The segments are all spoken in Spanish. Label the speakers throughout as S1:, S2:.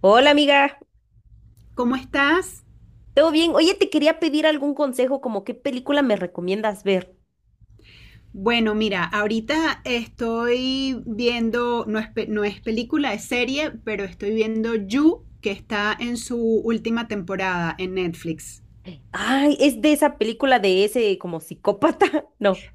S1: Hola amiga,
S2: ¿Cómo estás?
S1: ¿todo bien? Oye, te quería pedir algún consejo, como qué película me recomiendas ver.
S2: Bueno, mira, ahorita estoy viendo, no es película, es serie, pero estoy viendo You, que está en su última temporada en Netflix.
S1: Ay, es de esa película de ese como psicópata, no,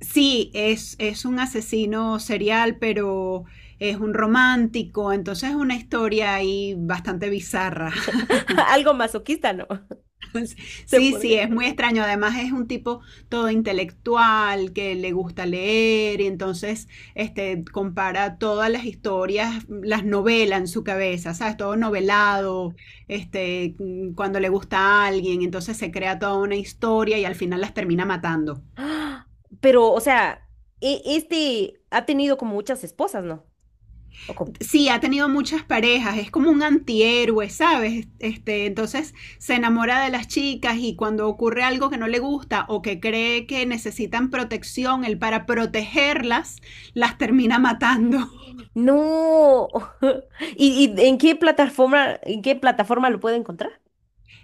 S2: Sí, es un asesino serial, pero es un romántico, entonces es una historia ahí bastante bizarra.
S1: algo masoquista, no, se
S2: Sí, sí,
S1: podría.
S2: es muy extraño. Además es un tipo todo intelectual que le gusta leer y entonces este, compara todas las historias, las novela en su cabeza, ¿sabes? Todo novelado, este, cuando le gusta a alguien, entonces se crea toda una historia y al final las termina matando.
S1: Ah, Pero, o sea, este ha tenido como muchas esposas, ¿no? ¿O cómo?
S2: Sí, ha tenido muchas parejas, es como un antihéroe, ¿sabes? Este, entonces se enamora de las chicas y cuando ocurre algo que no le gusta o que cree que necesitan protección, él para protegerlas las termina matando.
S1: No. ¿Y en qué plataforma lo puedo encontrar?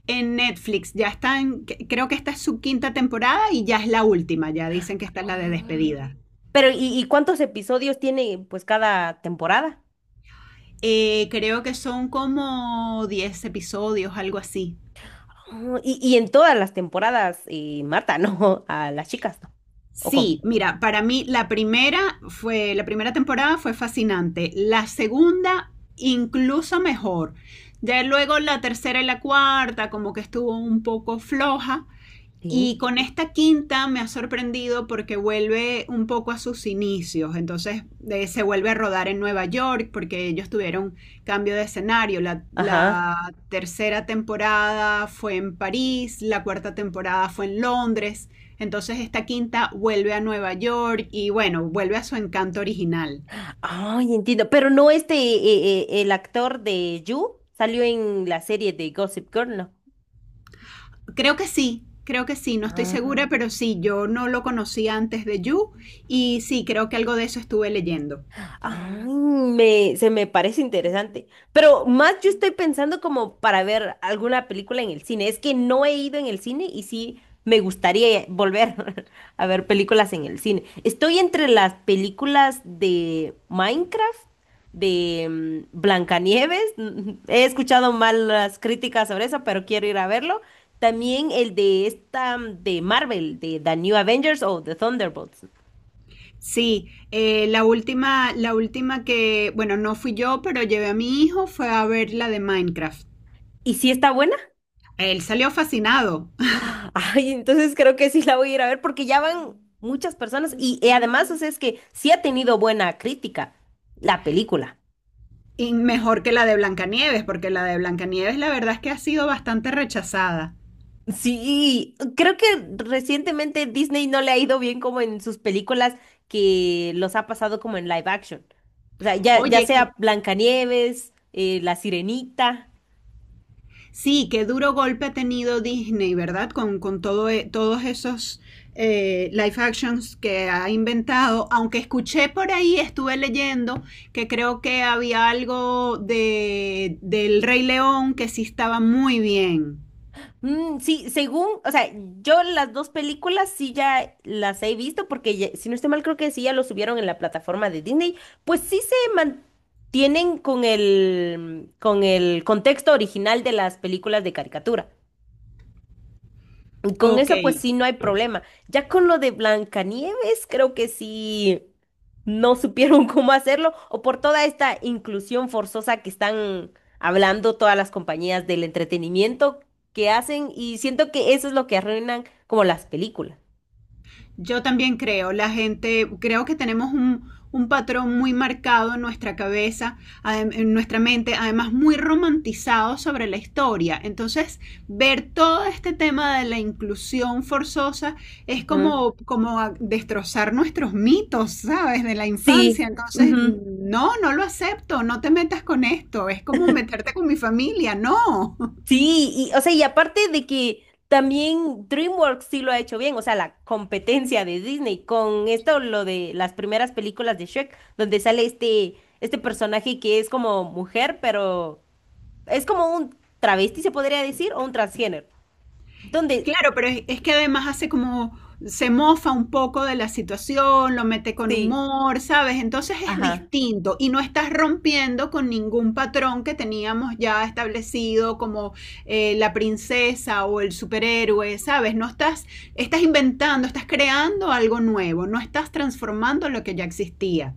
S2: En Netflix ya están, creo que esta es su quinta temporada y ya es la última, ya dicen que esta es la de
S1: Ah.
S2: despedida.
S1: Pero, ¿y cuántos episodios tiene pues cada temporada?
S2: Creo que son como 10 episodios, algo así.
S1: Oh, y en todas las temporadas matan, ¿no? A las chicas, ¿no? ¿O cómo?
S2: Sí, mira, para mí la primera temporada fue fascinante. La segunda, incluso mejor. Ya luego la tercera y la cuarta, como que estuvo un poco floja.
S1: Sí.
S2: Y con esta quinta me ha sorprendido porque vuelve un poco a sus inicios, entonces se vuelve a rodar en Nueva York porque ellos tuvieron cambio de escenario. La,
S1: Ajá.
S2: la tercera temporada fue en París, la cuarta temporada fue en Londres, entonces esta quinta vuelve a Nueva York y bueno, vuelve a su encanto original.
S1: Ay, entiendo. Pero no este, el actor de Yu salió en la serie de Gossip Girl, ¿no?
S2: Creo que sí, no estoy
S1: Ah.
S2: segura, pero sí, yo no lo conocí antes de You y sí, creo que algo de eso estuve leyendo.
S1: Ay, se me parece interesante. Pero más yo estoy pensando como para ver alguna película en el cine. Es que no he ido en el cine y sí me gustaría volver a ver películas en el cine. Estoy entre las películas de Minecraft, de Blancanieves. He escuchado malas críticas sobre eso, pero quiero ir a verlo. También el de esta de Marvel, de The New Avengers o The Thunderbolts.
S2: Sí, la última que, bueno, no fui yo, pero llevé a mi hijo, fue a ver la de Minecraft.
S1: ¿Y si está buena?
S2: Él salió fascinado,
S1: Ah, Ay, entonces creo que sí la voy a ir a ver porque ya van muchas personas y además, o sea, es que sí ha tenido buena crítica la película.
S2: y mejor que la de Blancanieves, porque la de Blancanieves la verdad es que ha sido bastante rechazada.
S1: Sí, creo que recientemente Disney no le ha ido bien como en sus películas que los ha pasado como en live action. O sea, ya, ya
S2: Oye,
S1: sea Blancanieves, La Sirenita.
S2: sí, qué duro golpe ha tenido Disney, ¿verdad? Con todo, todos esos live actions que ha inventado. Aunque escuché por ahí, estuve leyendo que creo que había algo de, del Rey León que sí estaba muy bien.
S1: Mm, sí, según, o sea, yo las dos películas sí ya las he visto porque si no estoy mal creo que sí ya lo subieron en la plataforma de Disney, pues sí se mantienen con el contexto original de las películas de caricatura. Con
S2: Ok.
S1: eso, pues sí, no hay problema. Ya con lo de Blancanieves, creo que sí no supieron cómo hacerlo, o por toda esta inclusión forzosa que están hablando todas las compañías del entretenimiento que hacen, y siento que eso es lo que arruinan como las películas.
S2: Yo también creo, la gente, creo que tenemos un patrón muy marcado en nuestra cabeza, en nuestra mente, además muy romantizado sobre la historia. Entonces, ver todo este tema de la inclusión forzosa es
S1: Ujú.
S2: como, como a destrozar nuestros mitos, ¿sabes? De la
S1: Sí,
S2: infancia. Entonces,
S1: ujú.
S2: no, no lo acepto, no te metas con esto, es como meterte con mi familia, no.
S1: Sí, y, o sea, y aparte de que también DreamWorks sí lo ha hecho bien, o sea, la competencia de Disney con esto, lo de las primeras películas de Shrek, donde sale este, este personaje que es como mujer, pero es como un travesti, se podría decir, o un transgénero, donde
S2: Claro, pero es que además hace como, se mofa un poco de la situación, lo mete con
S1: sí,
S2: humor, ¿sabes? Entonces es
S1: ajá,
S2: distinto y no estás rompiendo con ningún patrón que teníamos ya establecido como la princesa o el superhéroe, ¿sabes? No estás, estás inventando, estás creando algo nuevo, no estás transformando lo que ya existía.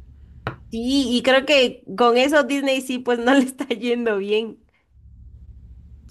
S1: sí, y creo que con eso Disney sí, pues no le está yendo bien.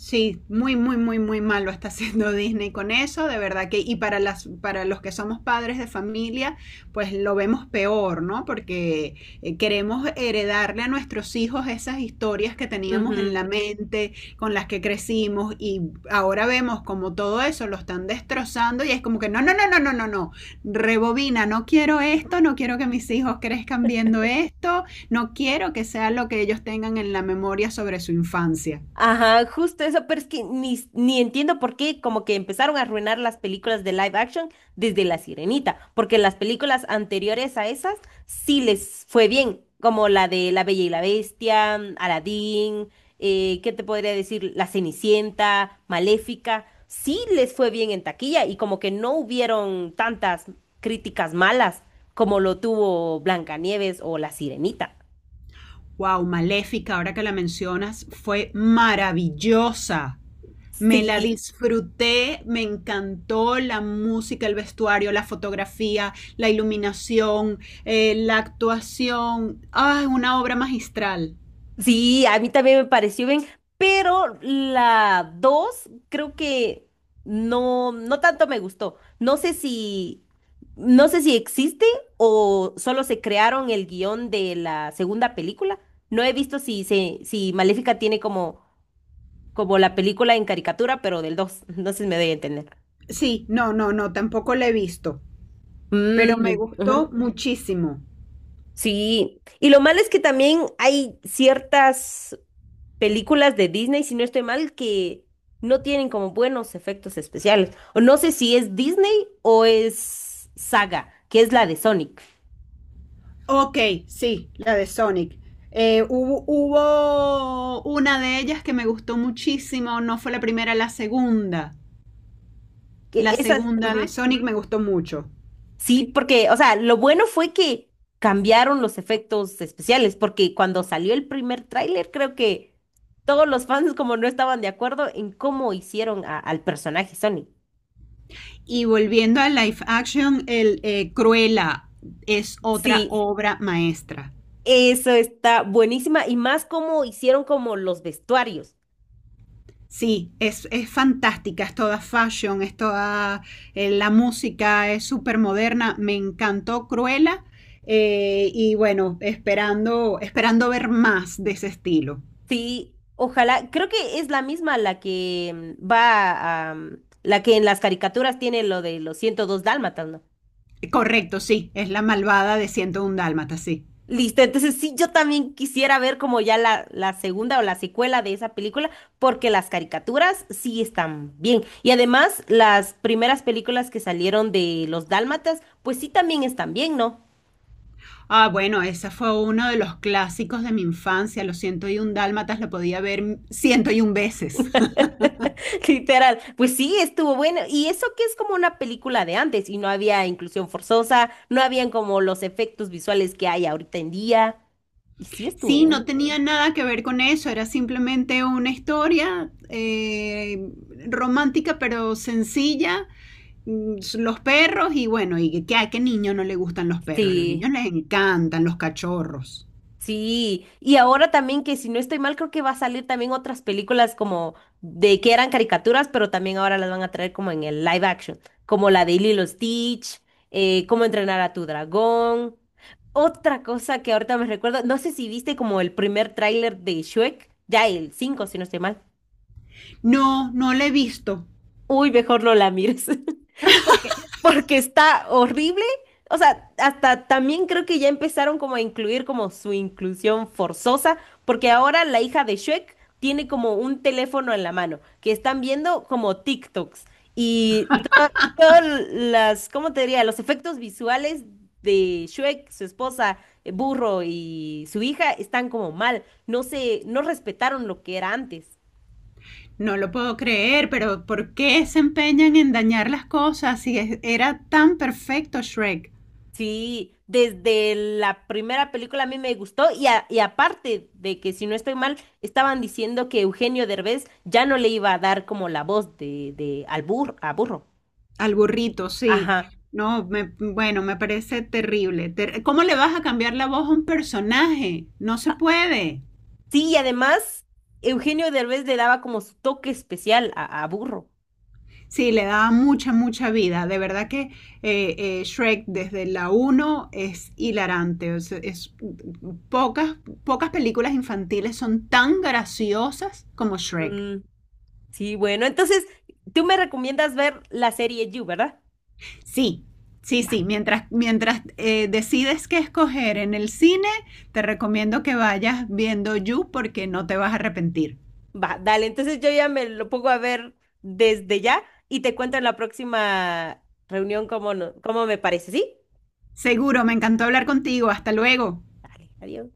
S2: Sí, muy, muy, muy, muy mal lo está haciendo Disney con eso, de verdad que, y para los que somos padres de familia, pues lo vemos peor, ¿no? Porque queremos heredarle a nuestros hijos esas historias que teníamos en la
S1: Ujú.
S2: mente, con las que crecimos, y ahora vemos como todo eso lo están destrozando, y es como que no, no, no, no, no, no, no, rebobina, no quiero esto, no quiero que mis hijos crezcan viendo esto, no quiero que sea lo que ellos tengan en la memoria sobre su infancia.
S1: Ajá, justo eso, pero es que ni entiendo por qué como que empezaron a arruinar las películas de live action desde La Sirenita, porque las películas anteriores a esas sí les fue bien, como la de La Bella y la Bestia, mm, Aladdin, ¿qué te podría decir? La Cenicienta, Maléfica, sí les fue bien en taquilla y como que no hubieron tantas críticas malas como lo tuvo Blancanieves o La Sirenita.
S2: Wow, Maléfica, ahora que la mencionas, fue maravillosa. Me la
S1: Sí.
S2: disfruté, me encantó la música, el vestuario, la fotografía, la iluminación, la actuación. Ah, una obra magistral.
S1: Sí, a mí también me pareció bien, pero la 2, creo que no, no tanto me gustó. No sé si existe o solo se crearon el guión de la segunda película. No he visto si Maléfica tiene como, como la película en caricatura, pero del 2, entonces me doy a entender.
S2: Sí, no, no, no, tampoco la he visto, pero me
S1: Mm,
S2: gustó
S1: ujú.
S2: muchísimo.
S1: Sí, y lo malo es que también hay ciertas películas de Disney, si no estoy mal, que no tienen como buenos efectos especiales. O no sé si es Disney o es Saga, que es la de Sonic.
S2: Ok, sí, la de Sonic. Hubo una de ellas que me gustó muchísimo, no fue la primera, la segunda.
S1: Que
S2: La
S1: esa,
S2: segunda de
S1: ujú.
S2: Sonic me gustó mucho.
S1: Sí, porque, o sea, lo bueno fue que cambiaron los efectos especiales, porque cuando salió el primer tráiler, creo que todos los fans como no estaban de acuerdo en cómo hicieron al personaje Sonic.
S2: Y volviendo a live action, el Cruella es otra
S1: Sí,
S2: obra maestra.
S1: eso está buenísima y más cómo hicieron como los vestuarios.
S2: Sí, es fantástica, es toda fashion, es toda la música, es súper moderna. Me encantó Cruella y bueno, esperando, esperando ver más de ese estilo.
S1: Sí, ojalá. Creo que es la misma la que mm, va a, mm, la que en las caricaturas tiene lo de los 102 dálmatas, ¿no?
S2: Correcto, sí, es la malvada de 101 Dálmata, sí.
S1: Listo, entonces sí, yo también quisiera ver como ya la segunda o la secuela de esa película, porque las caricaturas sí están bien. Y además, las primeras películas que salieron de los dálmatas, pues sí también están bien, ¿no?
S2: Ah, bueno, ese fue uno de los clásicos de mi infancia. Los 101 Dálmatas lo podía ver 101 veces.
S1: Literal, pues sí, estuvo bueno. Y eso que es como una película de antes y no había inclusión forzosa, no habían como los efectos visuales que hay ahorita en día. Y sí estuvo
S2: Sí,
S1: bueno.
S2: no tenía nada que ver con eso, era simplemente una historia romántica pero sencilla. Los perros y bueno, y que a qué niño no le gustan los perros, a los
S1: Sí.
S2: niños les encantan los cachorros.
S1: Sí, y ahora también que si no estoy mal, creo que va a salir también otras películas como de que eran caricaturas, pero también ahora las van a traer como en el live action, como la de Lilo Stitch, Cómo entrenar a tu dragón. Otra cosa que ahorita me recuerdo, no sé si viste como el primer tráiler de Shrek, ya el 5 si no estoy mal.
S2: No, no lo he visto,
S1: Uy, mejor no la mires, porque, porque está horrible. O sea, hasta también creo que ya empezaron como a incluir como su inclusión forzosa, porque ahora la hija de Shrek tiene como un teléfono en la mano, que están viendo como TikToks. Y t- todas las, ¿cómo te diría? Los efectos visuales de Shrek, su esposa, Burro y su hija están como mal. No se, no respetaron lo que era antes.
S2: no lo puedo creer, pero ¿por qué se empeñan en dañar las cosas si era tan perfecto Shrek?
S1: Sí, desde la primera película a mí me gustó y, y aparte de que si no estoy mal, estaban diciendo que Eugenio Derbez ya no le iba a dar como la voz de al a burro.
S2: Al burrito, sí.
S1: Ajá.
S2: No, bueno, me parece terrible. ¿Cómo le vas a cambiar la voz a un personaje? No se
S1: Ah,
S2: puede.
S1: Sí, y además Eugenio Derbez le daba como su toque especial a burro.
S2: Sí, le daba mucha, mucha vida. De verdad que Shrek desde la uno es hilarante. Pocas, pocas películas infantiles son tan graciosas como Shrek.
S1: Mm, sí, bueno, entonces tú me recomiendas ver la serie You, ¿verdad?
S2: Sí, sí,
S1: Va.
S2: sí. Mientras decides qué escoger en el cine, te recomiendo que vayas viendo You porque no te vas a arrepentir.
S1: Va, dale, entonces yo ya me lo pongo a ver desde ya y te cuento en la próxima reunión cómo, no, cómo me parece, ¿sí?
S2: Seguro, me encantó hablar contigo. Hasta luego.
S1: Dale, adiós.